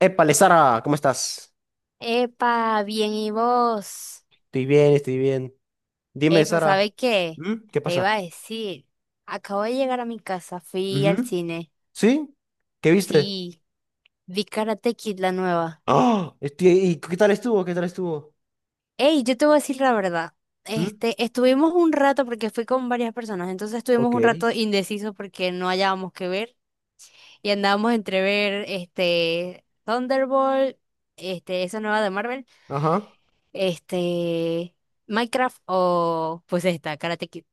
Épale, Sara, ¿cómo estás? Epa, bien, ¿y vos? Estoy bien, estoy bien. Dime, Epa, Sara. ¿sabes qué? ¿Mm? ¿Qué Te iba pasa? a decir, acabo de llegar a mi casa, fui al Ujú. cine. ¿Sí? ¿Qué viste? Sí, vi Karate Kid la nueva. ¡Ah! Estoy, ¿y qué tal estuvo? ¿Qué tal estuvo? Ey, yo te voy a decir la verdad. ¿Mm? Estuvimos un rato porque fui con varias personas, entonces estuvimos un Ok. rato indecisos porque no hallábamos qué ver y andábamos entre ver este Thunderbolt, esa nueva de Marvel, Ajá. este Minecraft o pues esta Karate Kid.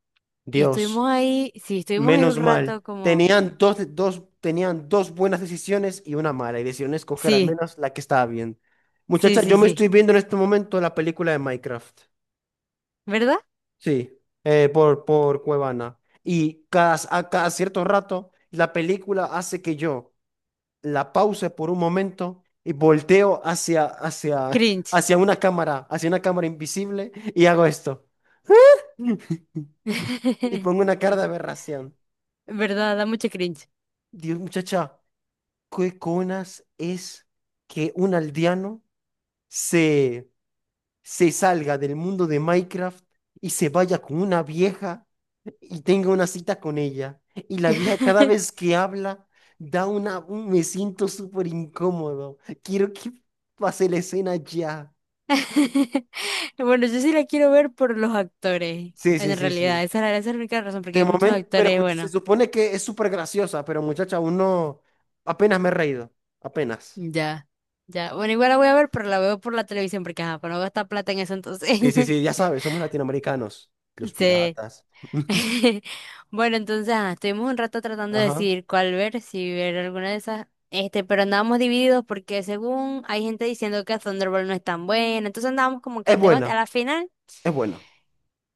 Y Dios, estuvimos ahí, sí, estuvimos ahí un menos mal. rato como, Tenían dos, tenían dos buenas decisiones y una mala, y decidieron escoger al sí, menos la que estaba bien. sí, Muchacha, sí, yo me sí, estoy viendo en este momento la película de Minecraft. ¿verdad? Sí, por Cuevana. Y cada, a cada cierto rato, la película hace que yo la pausa por un momento y volteo hacia, Cringe. Hacia una cámara invisible y hago esto. Y pongo una cara de aberración. ¿Verdad? Da mucho cringe. Dios, muchacha, ¿qué conas es que un aldeano se, se salga del mundo de Minecraft y se vaya con una vieja y tenga una cita con ella? Y la vieja cada vez que habla da una... un- Me siento súper incómodo. Quiero que pase la escena ya. Bueno, yo sí la quiero ver por los actores, Sí, sí, en sí, realidad, sí. esa, esa es la única razón, porque De hay muchos momento, pero actores, escuch- se bueno, supone que es súper graciosa, pero muchacha, aún no, apenas me he reído, apenas. ya, ya, bueno, igual la voy a ver, pero la veo por la televisión, porque ajá, para no gastar plata en eso entonces, Sí, sí, sí, ya sabes, somos latinoamericanos, los sí, piratas. Bueno, entonces ajá, estuvimos un rato tratando de Ajá. decidir cuál ver, si ver alguna de esas, pero andábamos divididos porque según hay gente diciendo que Thunderbolt no es tan buena, entonces andábamos como que Es en debate. A buena, la final, es buena.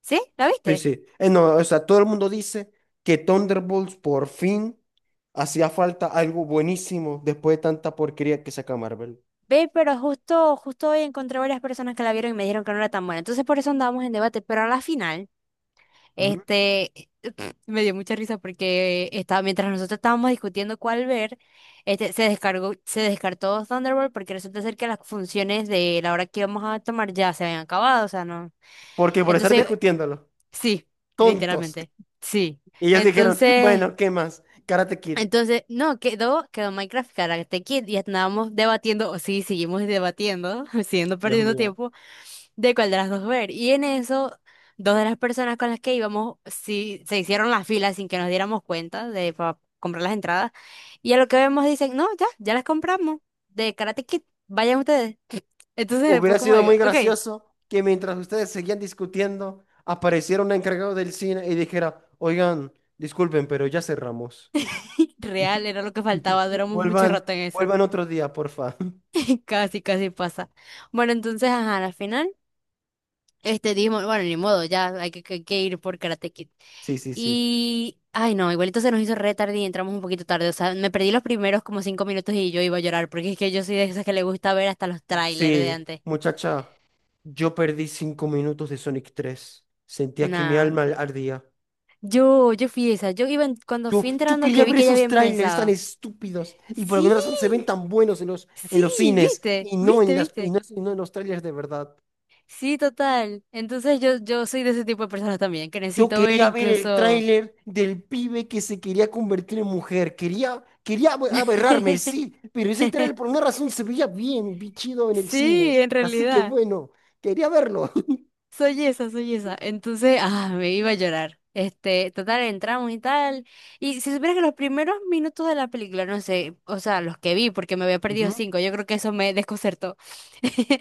¿sí? ¿La Sí, viste? sí. No, o sea, todo el mundo dice que Thunderbolts por fin hacía falta algo buenísimo después de tanta porquería que saca Marvel. Ve, pero justo, justo hoy encontré varias personas que la vieron y me dijeron que no era tan buena. Entonces por eso andábamos en debate, pero a la final, Ujú. este, me dio mucha risa porque estaba, mientras nosotros estábamos discutiendo cuál ver, se descartó Thunderbolt porque resulta ser que las funciones de la hora que íbamos a tomar ya se habían acabado, o sea, no. Porque por estar Entonces, discutiéndolo, sí, tontos. literalmente, sí. Y ellos dijeron, Entonces, bueno, ¿qué más? Karate Kid. entonces, no, quedó Minecraft Karate Kid y estábamos debatiendo, o sí, seguimos debatiendo, siguiendo Dios perdiendo mío. tiempo de cuál de las dos ver. Y en eso, dos de las personas con las que íbamos, sí, se hicieron la fila sin que nos diéramos cuenta de para comprar las entradas. Y a lo que vemos dicen, no, ya, ya las compramos. De Karate Kid, vayan ustedes. Entonces fue Hubiera como, sido digo, muy ok, gracioso que mientras ustedes seguían discutiendo, apareciera un encargado del cine y dijera, oigan, disculpen, pero ya cerramos. real, era lo que faltaba, duramos mucho Vuelvan, rato en eso. vuelvan otro día, porfa. Casi, casi pasa. Bueno, entonces, ajá, al final. Dijimos, bueno, ni modo, ya hay que ir por Karate Kid. Sí, sí, sí. Y, ay no, igualito se nos hizo re tarde y entramos un poquito tarde. O sea, me perdí los primeros como 5 minutos y yo iba a llorar, porque es que yo soy de esas que le gusta ver hasta los trailers de Sí, antes. muchacha, yo perdí 5 minutos de Sonic 3. Sentía que mi Nah. alma ardía. Yo fui esa. Yo iba, cuando Yo, fui yo entrando quería que vi ver que ya esos había trailers tan empezado. estúpidos y por Sí, alguna razón se ven tan buenos en sí, los cines viste, y no en viste, las, viste. Y no en los trailers de verdad. Sí, total. Entonces yo soy de ese tipo de personas también, que Yo necesito ver quería ver el incluso... tráiler del pibe que se quería convertir en mujer. Quería, quería abe- aberrarme, sí, pero ese tráiler por una razón se veía bien, bien chido en el cine. Sí, en Así que realidad. bueno, quería verlo. Soy esa, soy esa. Entonces, ah, me iba a llorar. Total, entramos y tal. Y si supieras que los primeros minutos de la película, no sé, o sea, los que vi, porque me había perdido Ujú. 5, yo creo que eso me desconcertó.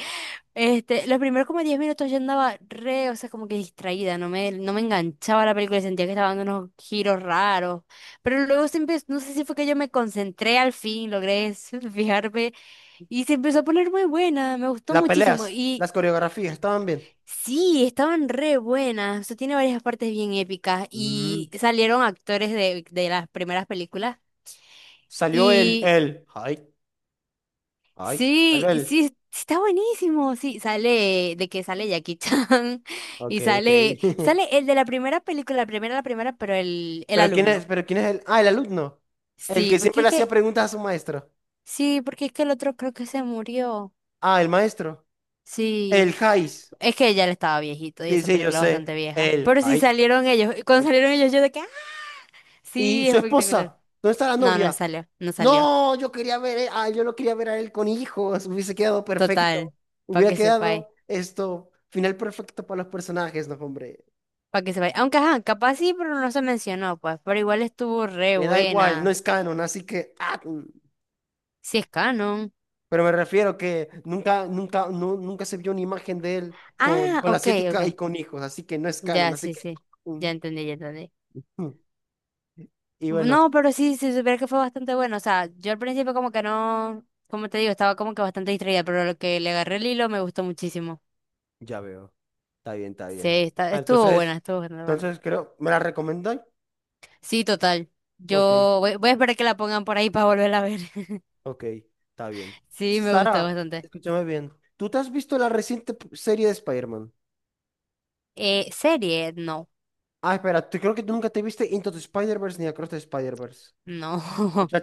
Los primeros como 10 minutos yo andaba re, o sea, como que distraída, no me enganchaba la película, sentía que estaba dando unos giros raros. Pero luego se empezó, no sé si fue que yo me concentré al fin, logré fijarme, y se empezó a poner muy buena, me gustó Las muchísimo. peleas, Y las coreografías, estaban bien. sí, estaban re buenas. O sea, tiene varias partes bien épicas. Mm. Y salieron actores de las primeras películas. Salió Y ay, ay, salió sí, sí, el, sí está buenísimo. Sí, sale de que sale Jackie Chan. ok, Y ok. sale, sale el de la primera película, la primera, pero el alumno. pero quién es el, ah, el alumno, el Sí, que siempre porque le es hacía que, preguntas a su maestro. sí, porque es que el otro creo que se murió. Ah, el maestro, Sí, el Jais. es que ya le estaba viejito y Sí, esa sí, yo película es sé, bastante vieja. el, Pero sí ay. salieron ellos. Y cuando salieron ellos, yo de que, ¡ah! ¿Y Sí, su espectacular. esposa? ¿Dónde está la No, no novia? salió, no salió. No, yo quería ver, ah, yo lo quería ver a él con hijos, hubiese quedado perfecto. Total, para Hubiera que sepáis, quedado esto, final perfecto para los personajes, no, hombre. para que sepáis. Aunque, ajá, capaz sí, pero no se mencionó, pues. Pero igual estuvo re Me da igual, no buena. es canon, así que, ah, mm. Si es canon. Pero me refiero que nunca, nunca se vio una imagen de él Ah, con la ok, ok. asiática y con hijos, así que no es canon, Ya, así sí, que, sí. mm, Ya entendí, ya entendí. mm. Y bueno, No, pero sí, sí, supiera que fue bastante bueno. O sea, yo al principio como que no, como te digo, estaba como que bastante distraída, pero lo que le agarré el hilo me gustó muchísimo. ya veo. Está bien, está Sí, bien. Ah, estuvo entonces, buena, estuvo bastante buena. entonces creo, ¿me la recomendáis? Sí, total. Ok. Yo voy, voy a esperar que la pongan por ahí para volverla a ver. Ok, está bien. Sí, me gustó Sara, bastante. escúchame bien. ¿Tú te has visto la reciente p- serie de Spider-Man? Serie, no, Ah, espera, tú- creo que tú nunca te viste Into the Spider-Verse ni Across the Spider-Verse. no,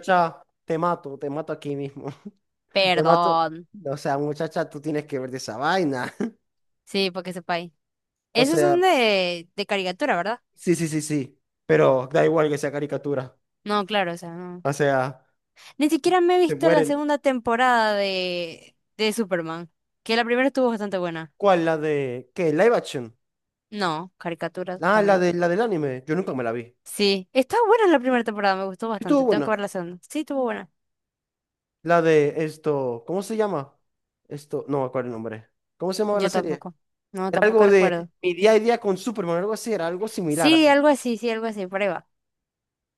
te mato aquí mismo. Te mato. perdón. O sea, muchacha, tú tienes que ver de esa vaina. Sí, porque sepa ahí. O Esos sea, son de caricatura, ¿verdad? sí, sí, sí, sí. Pero da igual que sea caricatura. No, claro, o sea, no. O sea, Ni siquiera me he se visto la mueren. segunda temporada de Superman, que la primera estuvo bastante buena. ¿Cuál? ¿La de qué? ¿Live action? No, caricaturas Ah, la también. de la del anime. Yo nunca me la vi. Sí, estaba buena la primera temporada, me gustó Estuvo bastante. Tengo que buena. ver la segunda. Sí, estuvo buena. La de esto, ¿cómo se llama? Esto, no me acuerdo el nombre. ¿Cómo se llamaba la Yo serie? tampoco. No, Era tampoco algo de recuerdo. mi día a día con Superman, algo así, era algo similar. Sí, algo así, prueba.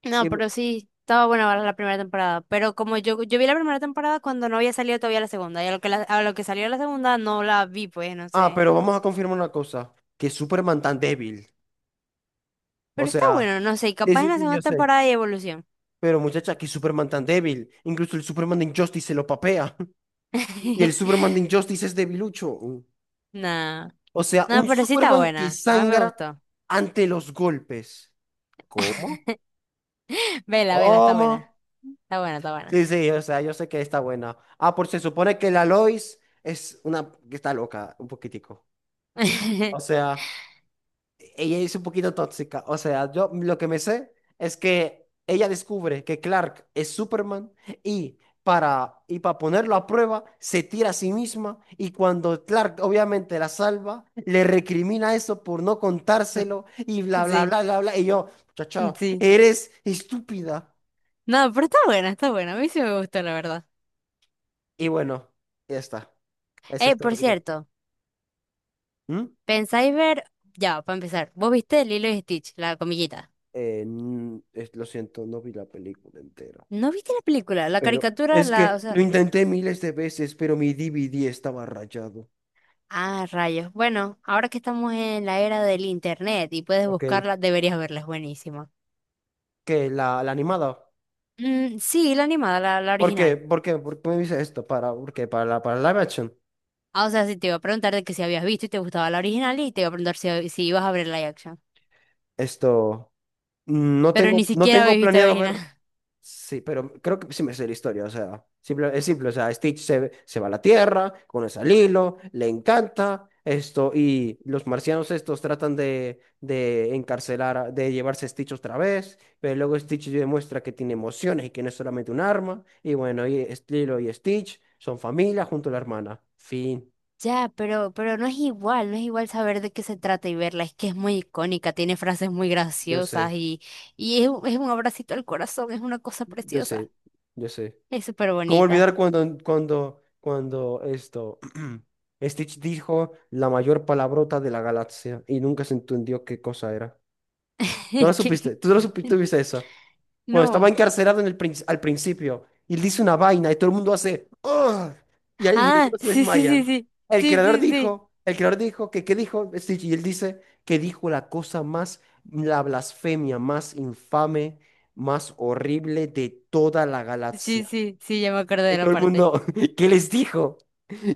No, Y- pero sí, estaba buena ver la primera temporada. Pero como yo vi la primera temporada cuando no había salido todavía la segunda. Y a lo que, a lo que salió la segunda no la vi, pues, no ah, sé. pero vamos a confirmar una cosa, que Superman tan débil. O Pero está sea, bueno, no sé. Y sí, capaz en sí, la sí, segunda yo sé. temporada hay evolución. Pero muchacha, que Superman tan débil. Incluso el Superman de Injustice se lo papea. Y el Superman de Injustice es debilucho. No, O sea, no, un pero sí está Superman que buena. A mí me sangra gustó. ante los golpes. ¿Cómo? Vela, vela, está ¿Cómo? buena. Está buena, está buena. Sí, sí, o sea, yo sé que está buena. Ah, por se supone que la Lois es una que está loca, un poquitico. O sea, ella es un poquito tóxica. O sea, yo lo que me sé es que ella descubre que Clark es Superman y y para ponerlo a prueba se tira a sí misma y cuando Clark obviamente la salva, le recrimina eso por no contárselo y bla, bla, Sí, bla, bla, bla. Y yo, chao, chao, sí. eres estúpida. No, pero está buena, está buena. A mí sí me gustó, la verdad. Y bueno, ya está. Eso es todo Por lo que tengo. cierto, ¿Mm? ¿pensáis ver? Ya, para empezar. ¿Vos viste Lilo y Stitch, la comillita? N- es- lo siento, no vi la película entera. ¿No viste la película? La Pero caricatura, es la, o que lo sea, intenté miles de veces, pero mi DVD estaba rayado. ah, rayos. Bueno, ahora que estamos en la era del internet y puedes Ok, buscarla, deberías verla, es buenísima. que la animada. Mm, sí, la animada, la ¿Por qué? original. ¿Por qué? ¿Por qué me dice esto? ¿Para, porque ¿Para la, para live action? Ah, o sea, sí te iba a preguntar de que si habías visto y te gustaba la original y te iba a preguntar si, si ibas a ver la action. Esto, mm, no Pero tengo, ni no siquiera tengo habéis visto la planeado original. ver. Sí, pero creo que sí me sé la historia, o sea, simple- es simple, o sea, Stitch se va a la Tierra, conoce al hilo, le encanta esto, y los marcianos estos tratan de encarcelar, a- de llevarse a Stitch otra vez, pero luego Stitch demuestra que tiene emociones y que no es solamente un arma, y bueno, y es- Lilo y Stitch son familia junto a la hermana. Fin. Ya, pero no es igual, no es igual saber de qué se trata y verla. Es que es muy icónica, tiene frases muy Yo graciosas sé, y es, es un abracito al corazón, es una cosa yo preciosa. sé, yo sé. Es súper ¿Cómo bonita. olvidar cuando, esto, Stitch dijo la mayor palabrota de la galaxia y nunca se entendió qué cosa era? ¿No lo Es que- supiste? ¿Tú no lo supiste, tuviste eso? Cuando estaba No. encarcelado en el prin- al principio y él dice una vaina y todo el mundo hace "Ugh", y ahí y Ah, algunos se sí, sí, sí, desmayan. sí. Sí, sí, sí. El creador dijo que qué dijo Stitch y él dice que dijo la cosa más, la blasfemia más infame, más horrible de toda la Sí, galaxia. sí, sí, ya me acuerdo de Y la todo el parte. mundo, ¿qué les dijo?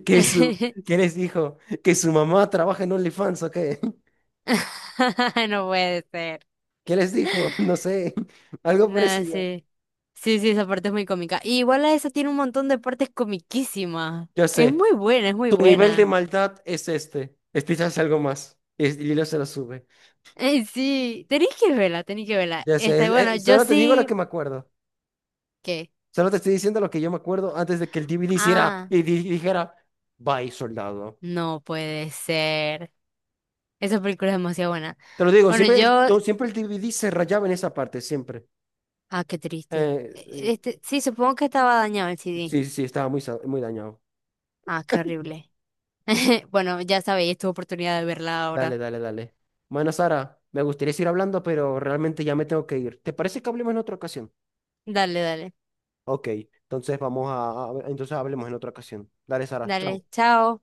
¿Qué su, qué les dijo? ¿Que su mamá trabaja en OnlyFans o qué? No puede ser. ¿Qué les dijo? No sé, algo No, parecido. sí. Sí, sí, esa parte es muy cómica. Y igual a esa tiene un montón de partes comiquísimas. Yo Es sé, muy buena, es muy tu nivel de buena. maldad es este. Escuchas algo más. Y es- y Lilo se lo sube. Sí, tenéis que verla, tenéis que verla. Ya sé, Este, es- bueno, yo solo te digo lo que sí. me acuerdo. ¿Qué? Solo te estoy diciendo lo que yo me acuerdo antes de que el DVD hiciera Ah, y di- dijera, bye, soldado. no puede ser. Esa película es demasiado buena. Te lo digo, Bueno, siempre el, yo. to- siempre el DVD se rayaba en esa parte, siempre. Ah, qué triste. Eh, eh, Este, sí, supongo que estaba dañado el CD. sí, sí, estaba muy, sa- muy dañado. Ah, qué horrible. Bueno, ya sabéis, tu oportunidad de verla Dale, ahora. dale, dale. Bueno, Sara, me gustaría seguir hablando, pero realmente ya me tengo que ir. ¿Te parece que hablemos en otra ocasión? Dale, dale. Ok, entonces vamos a- entonces hablemos en otra ocasión. Dale, Sara, Dale, chao. chao.